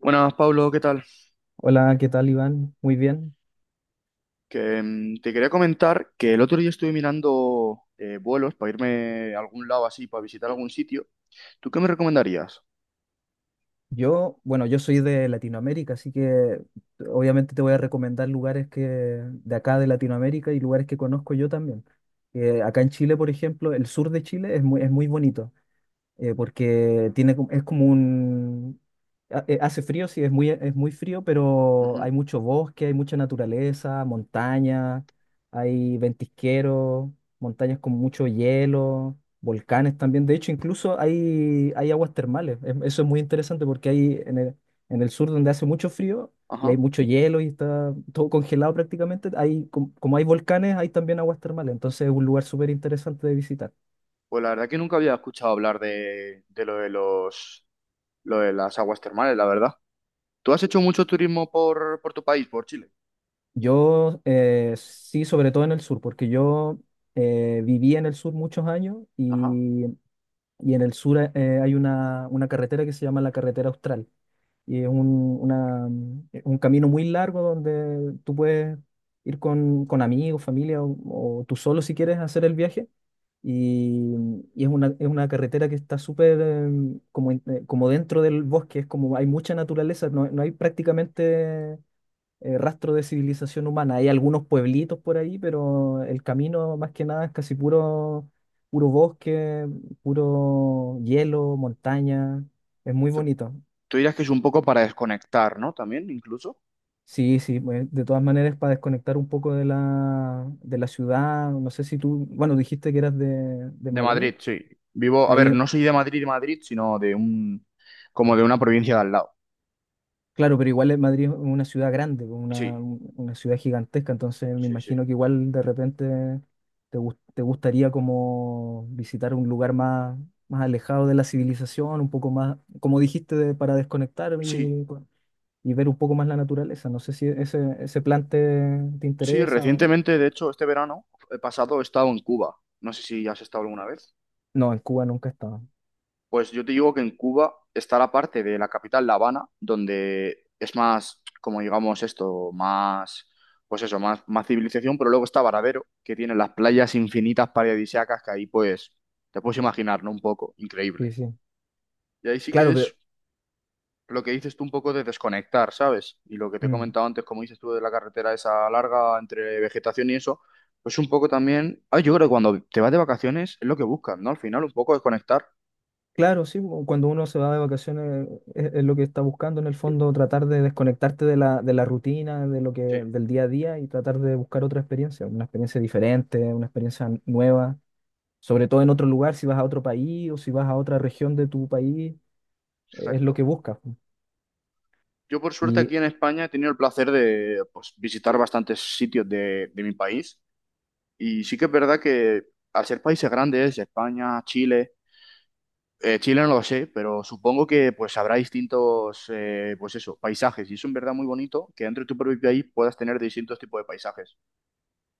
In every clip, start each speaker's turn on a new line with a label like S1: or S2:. S1: Buenas, Pablo, ¿qué tal?
S2: Hola, ¿qué tal, Iván? Muy bien.
S1: Te quería comentar que el otro día estuve mirando vuelos para irme a algún lado así, para visitar algún sitio. ¿Tú qué me recomendarías?
S2: Yo, bueno, yo soy de Latinoamérica, así que obviamente te voy a recomendar lugares que de acá de Latinoamérica y lugares que conozco yo también. Acá en Chile, por ejemplo, el sur de Chile es muy bonito. Porque tiene, es como un... Hace frío, sí, es muy frío, pero
S1: Ujú.
S2: hay mucho bosque, hay mucha naturaleza, montaña, hay ventisqueros, montañas con mucho hielo, volcanes también. De hecho, incluso hay aguas termales. Eso es muy interesante porque hay en el sur donde hace mucho frío y hay
S1: Ajá.
S2: mucho hielo y está todo congelado prácticamente, hay, como hay volcanes, hay también aguas termales. Entonces es un lugar súper interesante de visitar.
S1: Pues la verdad que nunca había escuchado hablar de lo de lo de las aguas termales, la verdad. ¿Tú has hecho mucho turismo por tu país, por Chile?
S2: Yo sí, sobre todo en el sur, porque yo viví en el sur muchos años,
S1: Ajá. O
S2: y en el sur, hay una carretera que se llama la Carretera Austral. Y es un camino muy largo donde tú puedes ir con amigos, familia o tú solo si quieres hacer el viaje. Y, y es una carretera que está súper como, como dentro del bosque, es como hay mucha naturaleza, no hay prácticamente rastro de civilización humana. Hay algunos pueblitos por ahí, pero el camino más que nada es casi puro, puro bosque, puro hielo, montaña. Es muy
S1: sea,
S2: bonito.
S1: tú dirás que es un poco para desconectar, ¿no? También, incluso.
S2: Sí, sí, pues, de todas maneras para desconectar un poco de de la ciudad. No sé si tú, bueno, dijiste que eras de
S1: De
S2: Madrid.
S1: Madrid, sí. Vivo, a ver,
S2: Ahí
S1: no soy de Madrid, Madrid, sino de un, como de una provincia de al lado.
S2: claro, pero Madrid es una ciudad grande, pues,
S1: Sí,
S2: una ciudad gigantesca, entonces me
S1: sí, sí.
S2: imagino que igual de repente te gustaría como visitar un lugar más, más alejado de la civilización, un poco más, como dijiste, para desconectar
S1: Sí,
S2: y ver un poco más la naturaleza. No sé si ese plan te
S1: sí,
S2: interesa.
S1: recientemente, de hecho, este verano pasado he estado en Cuba. No sé si has estado alguna vez.
S2: No, en Cuba nunca he estado.
S1: Pues yo te digo que en Cuba está la parte de la capital, La Habana, donde es más, como digamos esto, más, pues eso, más, más civilización, pero luego está Varadero, que tiene las playas infinitas paradisíacas que ahí pues te puedes imaginar, ¿no? Un poco,
S2: Sí,
S1: increíble.
S2: sí.
S1: Y ahí sí que
S2: Claro,
S1: es
S2: pero...
S1: lo que dices tú un poco de desconectar, ¿sabes? Y lo que te he
S2: mm.
S1: comentado antes, como dices tú, de la carretera esa larga entre vegetación y eso, pues un poco también, ah, yo creo que cuando te vas de vacaciones es lo que buscas, ¿no? Al final, un poco desconectar.
S2: Claro, sí, o cuando uno se va de vacaciones es lo que está buscando en el fondo, tratar de desconectarte de de la rutina,
S1: Sí,
S2: del día a día y tratar de buscar otra experiencia, una experiencia diferente, una experiencia nueva, sobre todo en otro lugar, si vas a otro país o si vas a otra región de tu país, es lo que
S1: exacto.
S2: buscas po.
S1: Yo por suerte
S2: Y
S1: aquí en España he tenido el placer de pues, visitar bastantes sitios de mi país y sí que es verdad que al ser países grandes, España, Chile. Chile no lo sé, pero supongo que pues habrá distintos, pues eso, paisajes. Y es en verdad muy bonito que dentro de tu propio país puedas tener distintos tipos de paisajes.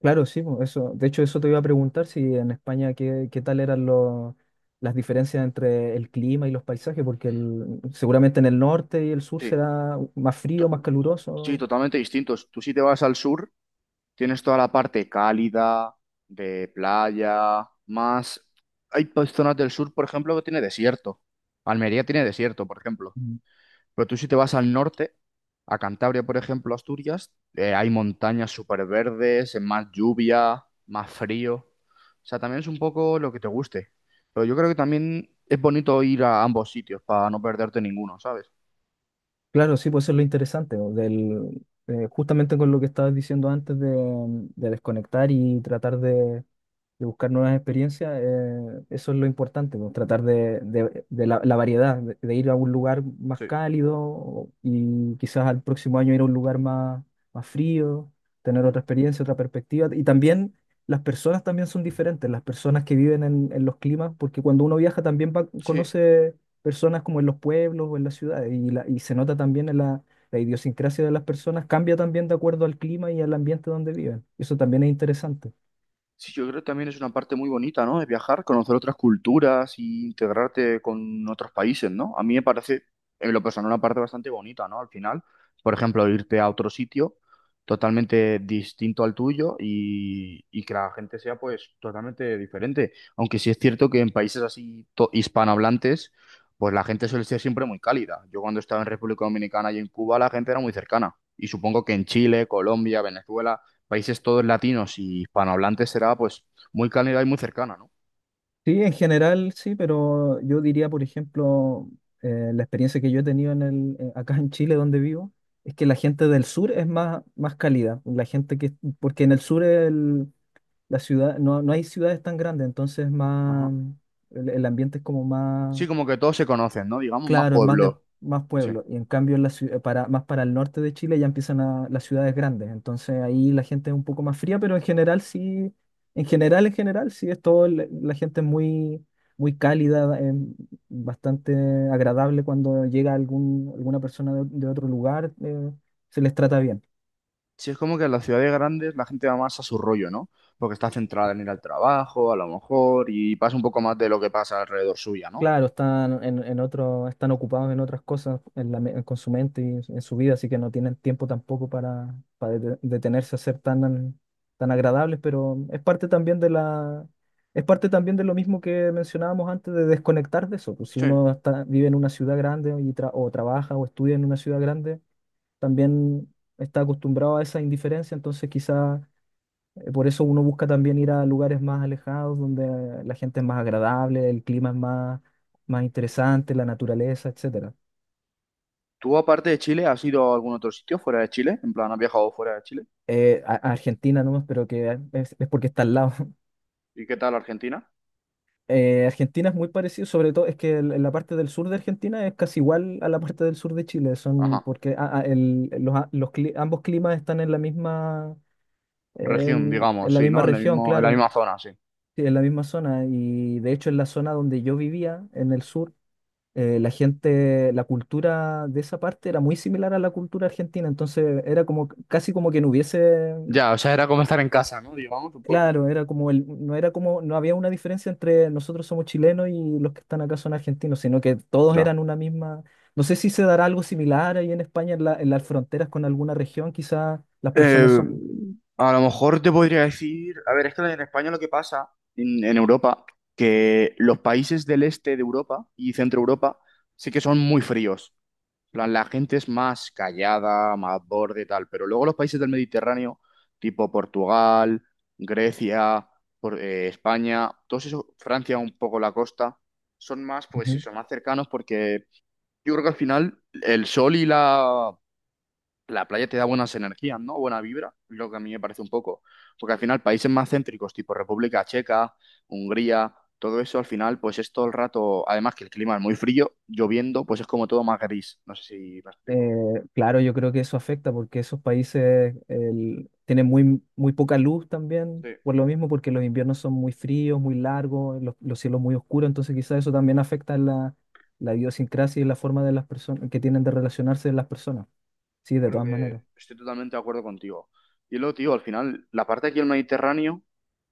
S2: claro, sí, po, eso, de hecho eso te iba a preguntar si en España qué tal eran los, las diferencias entre el clima y los paisajes, porque seguramente en el norte y el sur
S1: Sí,
S2: será más
S1: to-
S2: frío, más
S1: sí,
S2: caluroso.
S1: totalmente distintos. Tú si te vas al sur, tienes toda la parte cálida, de playa, más... Hay pues, zonas del sur, por ejemplo, que tiene desierto. Almería tiene desierto, por ejemplo. Pero tú si te vas al norte, a Cantabria, por ejemplo, Asturias, hay montañas súper verdes, más lluvia, más frío. O sea, también es un poco lo que te guste. Pero yo creo que también es bonito ir a ambos sitios para no perderte ninguno, ¿sabes?
S2: Claro, sí, pues eso es lo interesante, ¿no? Justamente con lo que estabas diciendo antes de desconectar y tratar de buscar nuevas experiencias, eso es lo importante, ¿no? Tratar de la variedad, de ir a un lugar más
S1: Sí.
S2: cálido y quizás al próximo año ir a un lugar más, más frío, tener
S1: Mm.
S2: otra experiencia, otra perspectiva. Y también las personas también son diferentes, las personas que viven en los climas, porque cuando uno viaja también
S1: Sí.
S2: conoce personas como en los pueblos o en las ciudades. Y, y se nota también en la idiosincrasia de las personas, cambia también de acuerdo al clima y al ambiente donde viven. Eso también es interesante.
S1: Sí, yo creo que también es una parte muy bonita, ¿no? De viajar, conocer otras culturas y integrarte con otros países, ¿no? A mí me parece, en lo personal, una parte bastante bonita, ¿no? Al final, por ejemplo, irte a otro sitio totalmente distinto al tuyo y que la gente sea, pues, totalmente diferente. Aunque sí es cierto que en países así hispanohablantes, pues la gente suele ser siempre muy cálida. Yo cuando estaba en República Dominicana y en Cuba, la gente era muy cercana. Y supongo que en Chile, Colombia, Venezuela, países todos latinos y hispanohablantes, será pues muy cálida y muy cercana, ¿no?
S2: Sí, en general sí, pero yo diría, por ejemplo, la experiencia que yo he tenido en acá en Chile, donde vivo, es que la gente del sur es más, más cálida. La gente que, porque en el sur la ciudad, no hay ciudades tan grandes, entonces es
S1: Ajá.
S2: más, el ambiente es como más
S1: Sí, como que todos se conocen, ¿no? Digamos, más
S2: claro, es más de
S1: pueblos.
S2: más
S1: Sí.
S2: pueblo. Y en cambio, en la para, más para el norte de Chile ya empiezan las ciudades grandes. Entonces ahí la gente es un poco más fría, pero en general, sí es todo, la gente es muy, muy cálida, bastante agradable cuando llega alguna persona de otro lugar, se les trata bien.
S1: Sí, es como que en las ciudades grandes la gente va más a su rollo, ¿no? Porque está centrada en ir al trabajo, a lo mejor, y pasa un poco más de lo que pasa alrededor suya, ¿no?
S2: Claro, están en otro, están ocupados en otras cosas en la con su mente y en su vida, así que no tienen tiempo tampoco para, para detenerse a ser tan, tan agradables, pero es parte también de es parte también de lo mismo que mencionábamos antes de desconectar de eso. Pues si
S1: Sí.
S2: uno está, vive en una ciudad grande y o trabaja o estudia en una ciudad grande, también está acostumbrado a esa indiferencia, entonces quizás por eso uno busca también ir a lugares más alejados, donde la gente es más agradable, el clima es más, más interesante, la naturaleza, etcétera.
S1: ¿Tú, aparte de Chile, has ido a algún otro sitio fuera de Chile? En plan, ¿has viajado fuera de Chile?
S2: A Argentina nomás, pero que es porque está al lado.
S1: ¿Y qué tal Argentina?
S2: Argentina es muy parecido, sobre todo es que en la parte del sur de Argentina es casi igual a la parte del sur de Chile, son
S1: Ajá.
S2: porque los, ambos climas están en la misma,
S1: Región,
S2: en
S1: digamos,
S2: la
S1: sí,
S2: misma
S1: ¿no? En el
S2: región,
S1: mismo, en la
S2: claro,
S1: misma zona, sí.
S2: sí, en la misma zona. Y de hecho en la zona donde yo vivía, en el sur, la gente, la cultura de esa parte era muy similar a la cultura argentina, entonces era como casi como que no hubiese,
S1: Ya, o sea, era como estar en casa, ¿no? Digamos, un poco.
S2: claro, era como no era como, no había una diferencia entre nosotros somos chilenos y los que están acá son argentinos, sino que todos
S1: Ya.
S2: eran una misma. No sé si se dará algo similar ahí en España, en en las fronteras con alguna región, quizás las personas
S1: Eh,
S2: son.
S1: a lo mejor te podría decir, a ver, es que en España lo que pasa, en Europa, que los países del este de Europa y centro Europa sí que son muy fríos. En plan, la gente es más callada, más borde, tal, pero luego los países del Mediterráneo, tipo Portugal, Grecia, España, todos esos, Francia un poco la costa, son más, pues
S2: Ujú.
S1: eso, más cercanos porque yo creo que al final el sol y la la playa te da buenas energías, ¿no? Buena vibra, lo que a mí me parece un poco. Porque al final países más céntricos, tipo República Checa, Hungría, todo eso al final pues es todo el rato, además que el clima es muy frío, lloviendo, pues es como todo más gris. No sé si me explico.
S2: Claro, yo creo que eso afecta porque esos países tienen muy, muy poca luz
S1: Sí,
S2: también, por lo mismo, porque los inviernos son muy fríos, muy largos, los cielos muy oscuros, entonces quizás eso también afecta la idiosincrasia y la forma de las personas que tienen de relacionarse las personas. Sí,
S1: yo
S2: de
S1: creo
S2: todas maneras.
S1: que estoy totalmente de acuerdo contigo. Y luego, tío, al final la parte aquí del Mediterráneo,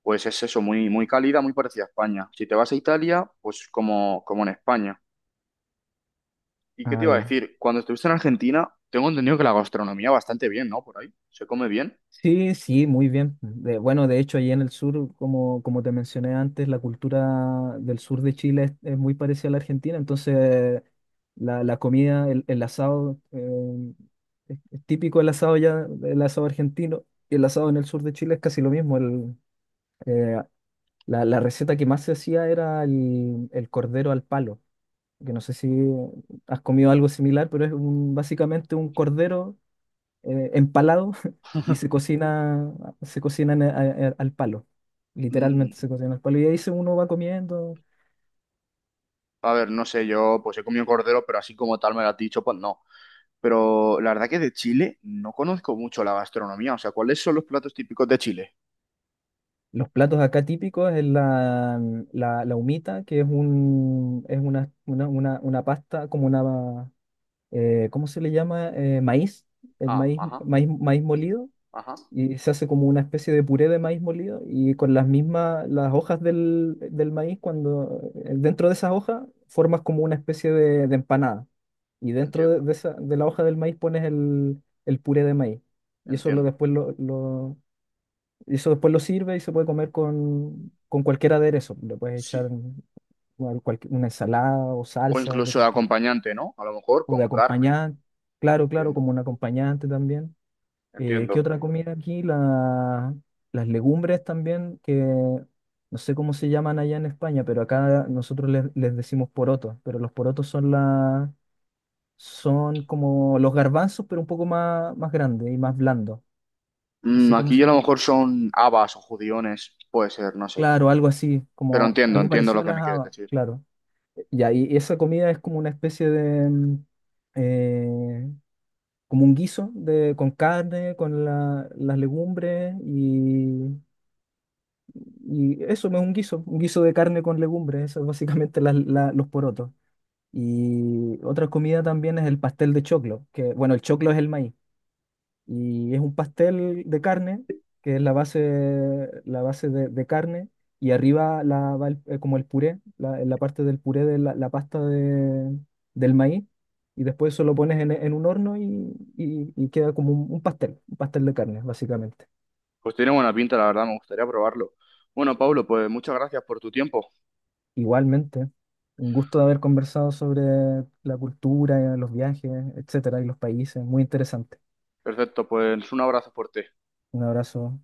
S1: pues es eso, muy, muy cálida, muy parecida a España. Si te vas a Italia, pues como, como en España. ¿Y qué te
S2: Ah,
S1: iba a
S2: ya.
S1: decir? Cuando estuviste en Argentina, tengo entendido que la gastronomía bastante bien, ¿no? Por ahí. ¿Se come bien?
S2: Sí, sí, muy bien. Bueno, de hecho, allí en el sur, como, como te mencioné antes, la cultura del sur de Chile es muy parecida a la argentina, entonces la comida, el asado, es típico el asado ya, el asado argentino, y el asado en el sur de Chile es casi lo mismo. El, eh, la receta que más se hacía era el cordero al palo, que no sé si has comido algo similar, pero es básicamente un cordero empalado y se cocina, se cocinan a- al palo.
S1: Mm,
S2: Literalmente se cocina al palo. Y ahí se uno va comiendo.
S1: a ver, no sé, yo pues he comido cordero, pero así como tal me lo has dicho, pues no. Pero la verdad que de Chile no conozco mucho la gastronomía. O sea, ¿cuáles son los platos típicos de Chile?
S2: Los platos acá típicos es la humita, que es un, es una pasta, como una, ¿cómo se le llama? Maíz,
S1: Ah, ajá,
S2: maíz molido.
S1: ajá.
S2: Y se hace como una especie de puré de maíz molido y con las mismas, las hojas del maíz, cuando dentro de esas hojas formas como una especie de empanada y dentro
S1: Entiendo,
S2: de esa, de la hoja del maíz pones el puré de maíz. Y eso lo,
S1: entiendo.
S2: y eso después lo sirve y se puede comer con cualquier aderezo. Le puedes echar
S1: Sí.
S2: cualquier, una ensalada o
S1: O
S2: salsa de
S1: incluso de
S2: cualquier,
S1: acompañante, ¿no? A lo mejor
S2: o de
S1: con carne.
S2: acompañante. Claro, claro,
S1: Entiendo,
S2: como un acompañante también. ¿Qué
S1: entiendo.
S2: otra comida aquí? Las legumbres también, que no sé cómo se llaman allá en España, pero acá nosotros les decimos porotos, pero los porotos son la son como los garbanzos, pero un poco más, más grandes y más blandos. No
S1: Mm,
S2: sé cómo
S1: aquí a
S2: se
S1: lo
S2: llama.
S1: mejor son habas o judiones. Puede ser, no sé.
S2: Claro, algo así,
S1: Pero
S2: como
S1: entiendo,
S2: algo
S1: entiendo
S2: parecido
S1: lo
S2: a
S1: que
S2: las
S1: me quieres
S2: habas,
S1: decir.
S2: claro. Ya, y esa comida es como una especie de, eh, como un guiso de, con carne, con las legumbres y eso no es un guiso de carne con legumbres, eso es básicamente los porotos. Y otra comida también es el pastel de choclo, que bueno, el choclo es el maíz. Y es un pastel de carne, que es la base de carne, y arriba la, como el puré, la, en la parte del puré de la pasta del maíz, y después eso lo pones en un horno y, y queda como un pastel de carne, básicamente.
S1: Pues tiene buena pinta, la verdad, me gustaría probarlo. Bueno, Pablo, pues muchas gracias por tu tiempo.
S2: Igualmente, un gusto de haber conversado sobre la cultura, los viajes, etcétera, y los países, muy interesante.
S1: Perfecto, pues un abrazo fuerte.
S2: Un abrazo.